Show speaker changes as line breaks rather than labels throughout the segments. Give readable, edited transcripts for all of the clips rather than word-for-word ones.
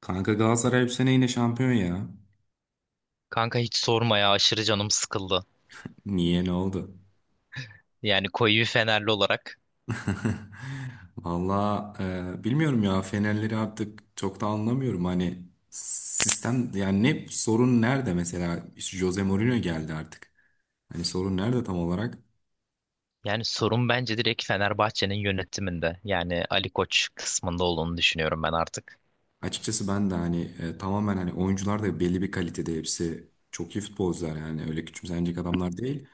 Kanka Galatasaray bu sene yine şampiyon ya.
Kanka hiç sorma ya aşırı canım sıkıldı.
Niye ne oldu?
Yani koyu bir Fenerli olarak.
Valla bilmiyorum ya Fenerleri artık çok da anlamıyorum. Hani sistem yani ne sorun nerede mesela İşte Jose Mourinho geldi artık. Hani sorun nerede tam olarak?
Yani sorun bence direkt Fenerbahçe'nin yönetiminde. Yani Ali Koç kısmında olduğunu düşünüyorum ben artık.
Açıkçası ben de hani tamamen, hani oyuncular da belli bir kalitede, hepsi çok iyi futbolcular yani öyle küçümsenecek adamlar değil.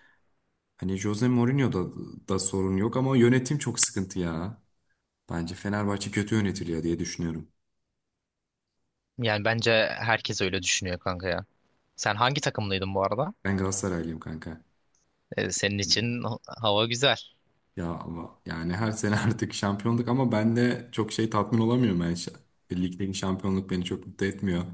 Hani Jose Mourinho'da da sorun yok ama yönetim çok sıkıntı ya. Bence Fenerbahçe kötü yönetiliyor diye düşünüyorum.
Yani bence herkes öyle düşünüyor kanka ya. Sen hangi takımlıydın bu arada?
Ben Galatasaraylıyım kanka.
Senin için hava güzel.
Ya ama yani her sene artık şampiyonluk, ama ben de çok şey tatmin olamıyorum. Ligdeki şampiyonluk beni çok mutlu etmiyor.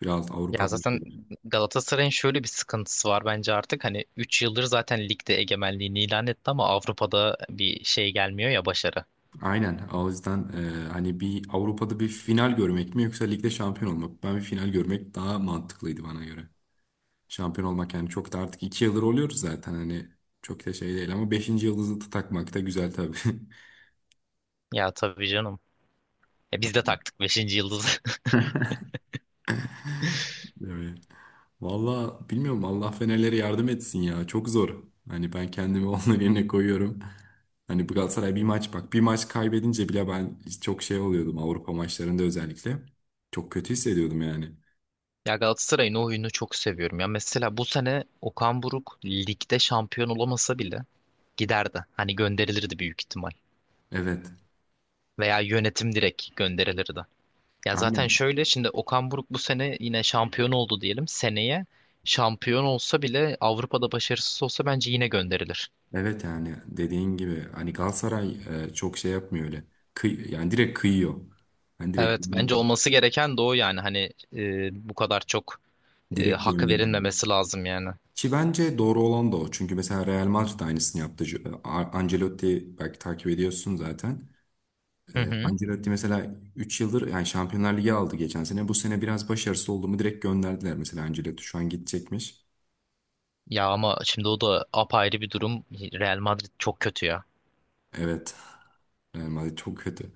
Biraz
Ya
Avrupa'da bir
zaten
şeyler.
Galatasaray'ın şöyle bir sıkıntısı var bence artık. Hani 3 yıldır zaten ligde egemenliğini ilan etti ama Avrupa'da bir şey gelmiyor ya başarı.
Aynen. O yüzden hani bir Avrupa'da bir final görmek mi yoksa ligde şampiyon olmak mı? Ben bir final görmek daha mantıklıydı bana göre. Şampiyon olmak yani çok da, artık 2 yıldır oluyoruz zaten hani, çok da şey değil, ama beşinci yıldızı da takmak da güzel tabii.
Ya tabii canım. Ya biz de taktık beşinci yıldızı.
Evet. Valla bilmiyorum, Allah Fenerlere yardım etsin ya. Çok zor. Hani ben kendimi onların yerine koyuyorum. Hani bu Galatasaray bir maç, bak bir maç kaybedince bile ben çok şey oluyordum Avrupa maçlarında özellikle. Çok kötü hissediyordum yani.
Ya Galatasaray'ın o oyunu çok seviyorum. Ya mesela bu sene Okan Buruk ligde şampiyon olamasa bile giderdi. Hani gönderilirdi büyük ihtimal.
Evet.
Veya yönetim direkt gönderilirdi. Ya zaten
Aynen.
şöyle şimdi Okan Buruk bu sene yine şampiyon oldu diyelim. Seneye şampiyon olsa bile Avrupa'da başarısız olsa bence yine gönderilir.
Evet yani dediğin gibi hani Galatasaray çok şey yapmıyor öyle. Kıy yani direkt kıyıyor. Hani direkt
Evet, bence olması gereken de o yani hani bu kadar çok
direkt
hak
gönderiyor.
verilmemesi lazım yani.
Ki bence doğru olan da o. Çünkü mesela Real Madrid de aynısını yaptı. Ancelotti belki takip ediyorsun zaten.
Hı hı.
Ancelotti mesela 3 yıldır, yani Şampiyonlar Ligi aldı geçen sene. Bu sene biraz başarısız oldu mu direkt gönderdiler, mesela Ancelotti şu an gidecekmiş.
Ya ama şimdi o da apayrı bir durum. Real Madrid çok kötü ya.
Evet. Real Madrid çok kötü.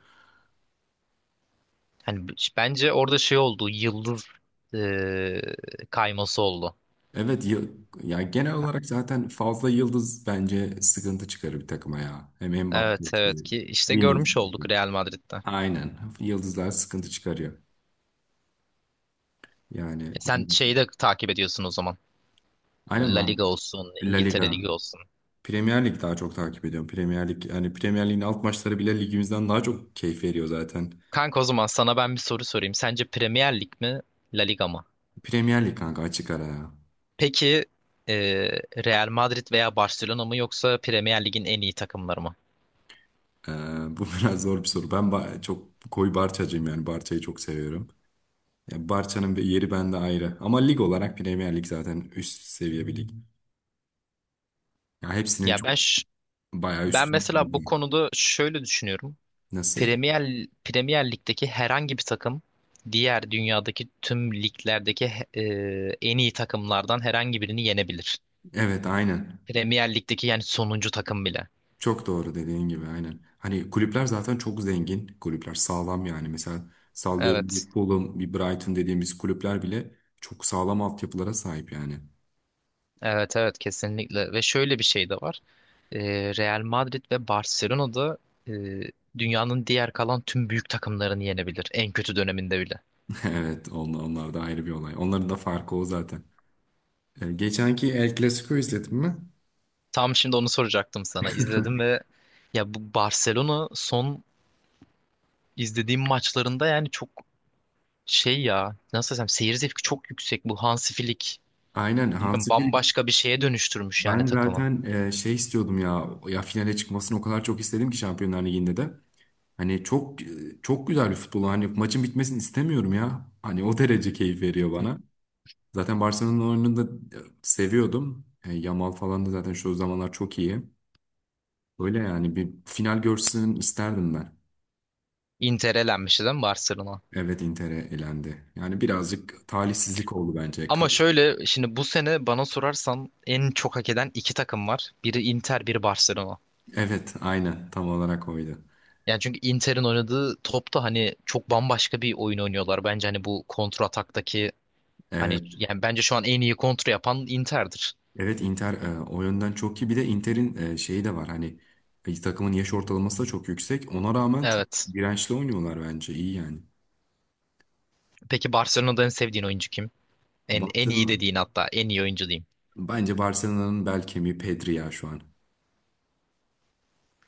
Hani bence orada şey oldu. Yıldız eee, kayması oldu.
Evet. Ya genel olarak zaten fazla yıldız bence sıkıntı çıkarır bir takıma ya. Hem
Evet, evet
Mbappe'si,
ki işte
Vinicius.
görmüş olduk Real Madrid'de.
Aynen. Yıldızlar sıkıntı çıkarıyor.
E,
Yani
sen şeyi de takip ediyorsun o zaman.
aynen,
La
ben
Liga olsun,
La
İngiltere
Liga
Ligi olsun.
Premier Lig daha çok takip ediyorum. Premier Lig, yani Premier Lig'in alt maçları bile ligimizden daha çok keyif veriyor zaten.
Kanka, o zaman sana ben bir soru sorayım. Sence Premier Lig mi, La Liga mı?
Premier Lig kanka, açık ara ya.
Peki Real Madrid veya Barcelona mı, yoksa Premier Lig'in en iyi takımları mı?
Bu biraz zor bir soru. Çok koyu Barçacıyım, yani Barça'yı çok seviyorum. Ya Barça'nın bir yeri bende ayrı. Ama lig olarak Premier Lig zaten üst seviye bir lig. Ya hepsinin
Ya
çok bayağı
ben
üstünde
mesela
bir
bu
lig.
konuda şöyle düşünüyorum.
Nasıl?
Premier Lig'deki herhangi bir takım diğer dünyadaki tüm liglerdeki en iyi takımlardan herhangi birini yenebilir.
Evet aynen.
Premier Lig'deki yani sonuncu takım bile.
Çok doğru, dediğin gibi aynen. Hani kulüpler zaten çok zengin kulüpler, sağlam yani. Mesela sallıyorum, bir
Evet.
Fulham, bir Brighton dediğimiz kulüpler bile çok sağlam altyapılara sahip yani.
Evet, evet, kesinlikle ve şöyle bir şey de var. E, Real Madrid ve Barcelona da e, dünyanın diğer kalan tüm büyük takımlarını yenebilir en kötü döneminde bile.
Evet, onlar da ayrı bir olay. Onların da farkı o zaten. Geçenki El Clasico izledin mi?
Tam şimdi onu soracaktım sana. İzledim ve ya, bu Barcelona son izlediğim maçlarında yani çok şey, ya nasıl desem, seyir zevki çok yüksek bu Hansi Flick.
Aynen
Bilmiyorum,
Hansi Flick,
bambaşka bir şeye dönüştürmüş yani
ben
takımı.
zaten şey istiyordum ya, ya finale çıkmasını o kadar çok istedim ki Şampiyonlar Ligi'nde de. Hani çok çok güzel bir futbol, hani maçın bitmesini istemiyorum ya. Hani o derece keyif veriyor bana. Zaten Barcelona'nın oyununu da seviyordum. Yamal falan da zaten şu zamanlar çok iyi. Öyle yani, bir final görsün isterdim ben.
Inter elenmişti değil mi Barcelona?
Evet, Inter'e elendi. Yani birazcık talihsizlik oldu bence.
Ama şöyle, şimdi bu sene bana sorarsan en çok hak eden iki takım var. Biri Inter, biri Barcelona.
Evet aynen, tam olarak oydu.
Yani çünkü Inter'in oynadığı topta hani çok bambaşka bir oyun oynuyorlar. Bence hani bu kontra ataktaki hani,
Evet,
yani bence şu an en iyi kontra yapan Inter'dir.
evet, Inter o yönden çok iyi. Bir de Inter'in şeyi de var, hani takımın yaş ortalaması da çok yüksek. Ona rağmen çok
Evet.
dirençli oynuyorlar, bence iyi yani.
Peki Barcelona'da en sevdiğin oyuncu kim? En iyi
Barcelona,
dediğin, hatta en iyi oyuncu diyeyim.
bence Barcelona'nın bel kemiği Pedri ya şu an.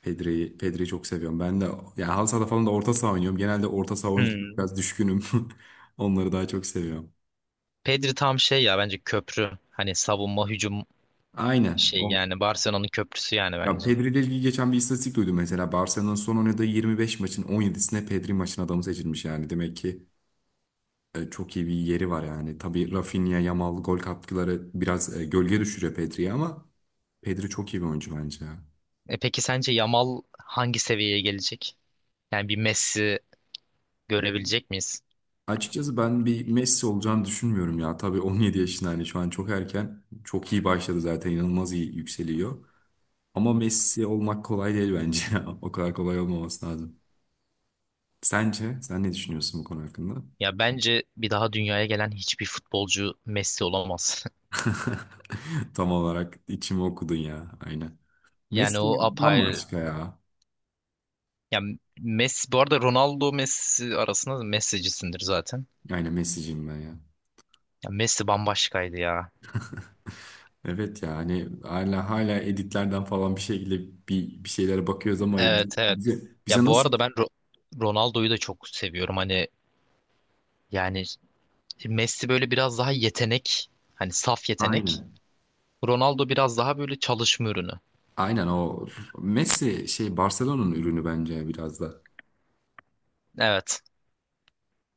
Pedri'yi çok seviyorum. Ben de yani halı sahada falan da orta saha oynuyorum. Genelde orta saha oyuncularına
Hmm.
biraz düşkünüm. Onları daha çok seviyorum.
Pedri tam şey ya, bence köprü. Hani savunma, hücum
Aynen.
şey
O.
yani Barcelona'nın köprüsü yani
Ya
bence.
Pedri ile ilgili geçen bir istatistik duydum mesela. Barcelona'nın son oynadığı 25 maçın 17'sine Pedri maçın adamı seçilmiş yani. Demek ki çok iyi bir yeri var yani. Tabii Rafinha, Yamal gol katkıları biraz gölge düşürüyor Pedri'yi, ama Pedri çok iyi bir oyuncu bence ya.
Peki sence Yamal hangi seviyeye gelecek? Yani bir Messi görebilecek miyiz?
Açıkçası ben bir Messi olacağını düşünmüyorum ya. Tabii 17 yaşında, hani şu an çok erken. Çok iyi başladı zaten. İnanılmaz iyi yükseliyor. Ama Messi olmak kolay değil bence. O kadar kolay olmaması lazım. Sence? Sen ne düşünüyorsun bu konu hakkında?
Ya bence bir daha dünyaya gelen hiçbir futbolcu Messi olamaz.
Tam olarak içimi okudun ya. Aynen.
Yani
Messi
o apayrı.
bambaşka ya.
Ya Messi, bu arada Ronaldo Messi arasında da Messi'cisindir zaten.
Aynen Messi'ciyim ben ya.
Ya Messi bambaşkaydı ya.
Evet ya, hani hala editlerden falan bir şekilde bir şeylere bakıyoruz ama
Evet, evet.
bize
Ya bu
nasıl?
arada ben Ronaldo'yu da çok seviyorum. Hani, yani şimdi Messi böyle biraz daha yetenek, hani saf yetenek.
Aynen.
Ronaldo biraz daha böyle çalışma ürünü.
Aynen, o Messi şey Barcelona'nın ürünü bence biraz da.
Evet.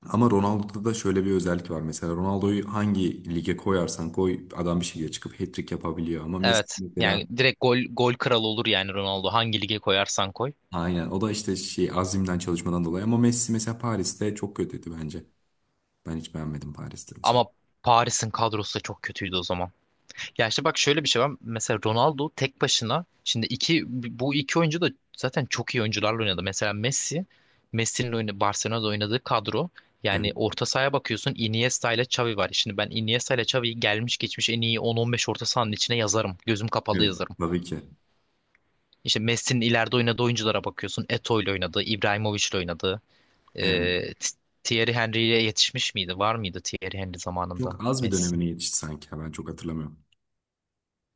Ama Ronaldo'da da şöyle bir özellik var. Mesela Ronaldo'yu hangi lige koyarsan koy, adam bir şekilde çıkıp hat-trick yapabiliyor. Ama Messi
Evet.
mesela,
Yani direkt gol kralı olur yani Ronaldo. Hangi lige koyarsan koy.
aynen o da işte şey azimden çalışmadan dolayı. Ama Messi mesela Paris'te çok kötüydü bence. Ben hiç beğenmedim Paris'te mesela.
Ama Paris'in kadrosu da çok kötüydü o zaman. Ya işte bak, şöyle bir şey var. Mesela Ronaldo tek başına şimdi bu iki oyuncu da zaten çok iyi oyuncularla oynadı. Mesela Messi'nin oyunu, Barcelona'da oynadığı kadro, yani
Evet.
orta sahaya bakıyorsun Iniesta ile Xavi var. Şimdi ben Iniesta ile Xavi'yi gelmiş geçmiş en iyi 10-15 orta sahanın içine yazarım. Gözüm kapalı
Evet.
yazarım.
Tabii ki.
İşte Messi'nin ileride oynadığı oyunculara bakıyorsun. Eto'o ile oynadığı, Ibrahimovic ile oynadığı.
Evet.
Ee, T- Thierry Henry'ye yetişmiş miydi? Var mıydı Thierry Henry zamanında?
Çok az bir dönemine yetişti sanki. Ya. Ben çok hatırlamıyorum.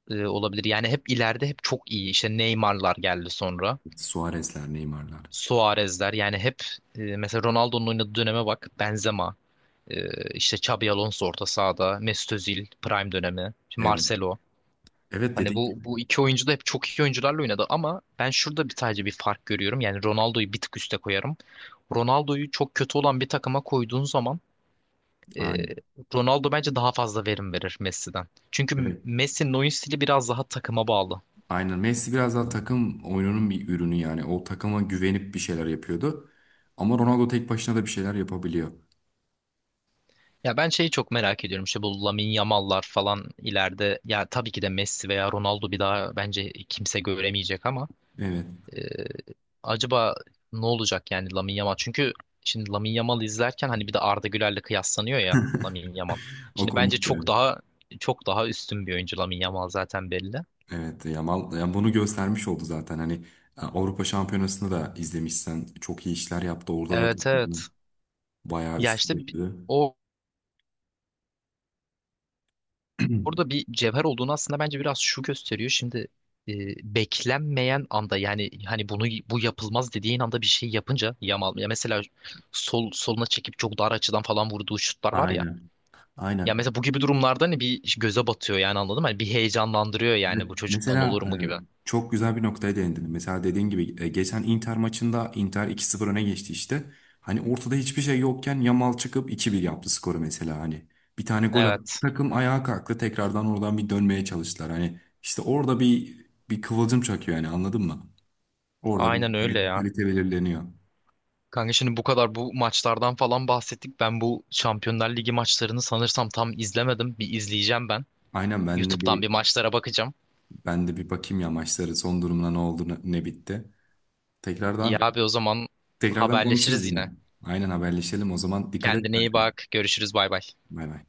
Olabilir. Yani hep ileride hep çok iyi. İşte Neymar'lar geldi sonra.
Suarez'ler, Neymar'lar.
Suarez'ler yani hep mesela Ronaldo'nun oynadığı döneme bak. Benzema, e, işte Xabi Alonso orta sahada, Mesut Özil prime dönemi, şimdi
Evet.
Marcelo.
Evet,
Hani
dediğin
bu
gibi.
bu iki oyuncu da hep çok iyi oyuncularla oynadı ama ben şurada sadece bir fark görüyorum. Yani Ronaldo'yu bir tık üste koyarım. Ronaldo'yu çok kötü olan bir takıma koyduğun zaman e,
Aynen.
Ronaldo bence daha fazla verim verir Messi'den. Çünkü
Evet.
Messi'nin oyun stili biraz daha takıma bağlı.
Aynen, Messi biraz daha takım oyununun bir ürünü yani. O takıma güvenip bir şeyler yapıyordu. Ama Ronaldo tek başına da bir şeyler yapabiliyor.
Ya ben şeyi çok merak ediyorum işte, bu Lamine Yamal'lar falan ileride, ya tabii ki de Messi veya Ronaldo bir daha bence kimse göremeyecek ama
Evet.
e, acaba ne olacak yani Lamine Yamal? Çünkü şimdi Lamine Yamal izlerken hani bir de Arda Güler'le kıyaslanıyor ya Lamine Yamal.
O
Şimdi bence
komik
çok
yani.
daha çok daha üstün bir oyuncu Lamine Yamal, zaten belli.
Evet, Yamal yani bunu göstermiş oldu zaten. Hani Avrupa Şampiyonası'nı da izlemişsen, çok iyi işler yaptı. Orada da
Evet,
takımını
evet.
bayağı
Ya
üstüne
işte bi-
taşıdı.
o orada bir cevher olduğunu aslında bence biraz şu gösteriyor. Şimdi e, beklenmeyen anda yani hani bu yapılmaz dediğin anda bir şey yapınca Yamal, ya mesela soluna çekip çok dar açıdan falan vurduğu şutlar var ya.
Aynen.
Ya
Aynen.
mesela bu gibi durumlarda hani bir göze batıyor yani, anladın mı? Hani bir heyecanlandırıyor yani,
Evet,
bu çocuktan olur
mesela
mu gibi.
çok güzel bir noktaya değindin. Mesela dediğin gibi geçen Inter maçında Inter 2-0 öne geçti işte. Hani ortada hiçbir şey yokken Yamal çıkıp 2-1 yaptı skoru mesela hani. Bir tane gol attı.
Evet.
Takım ayağa kalktı. Tekrardan oradan bir dönmeye çalıştılar. Hani işte orada bir kıvılcım çakıyor yani, anladın mı? Orada bir
Aynen öyle ya.
kalite belirleniyor.
Kanka şimdi bu kadar bu maçlardan falan bahsettik. Ben bu Şampiyonlar Ligi maçlarını sanırsam tam izlemedim. Bir izleyeceğim ben.
Aynen, ben de
YouTube'dan
bir
bir maçlara bakacağım.
ben de bir bakayım ya maçları, son durumuna ne oldu, ne ne bitti.
İyi
Tekrardan
abi, o zaman
tekrardan konuşuruz
haberleşiriz
yine.
yine.
Aynen, haberleşelim o zaman. Dikkat et
Kendine iyi
kendine.
bak. Görüşürüz, bay bay.
Bay bay.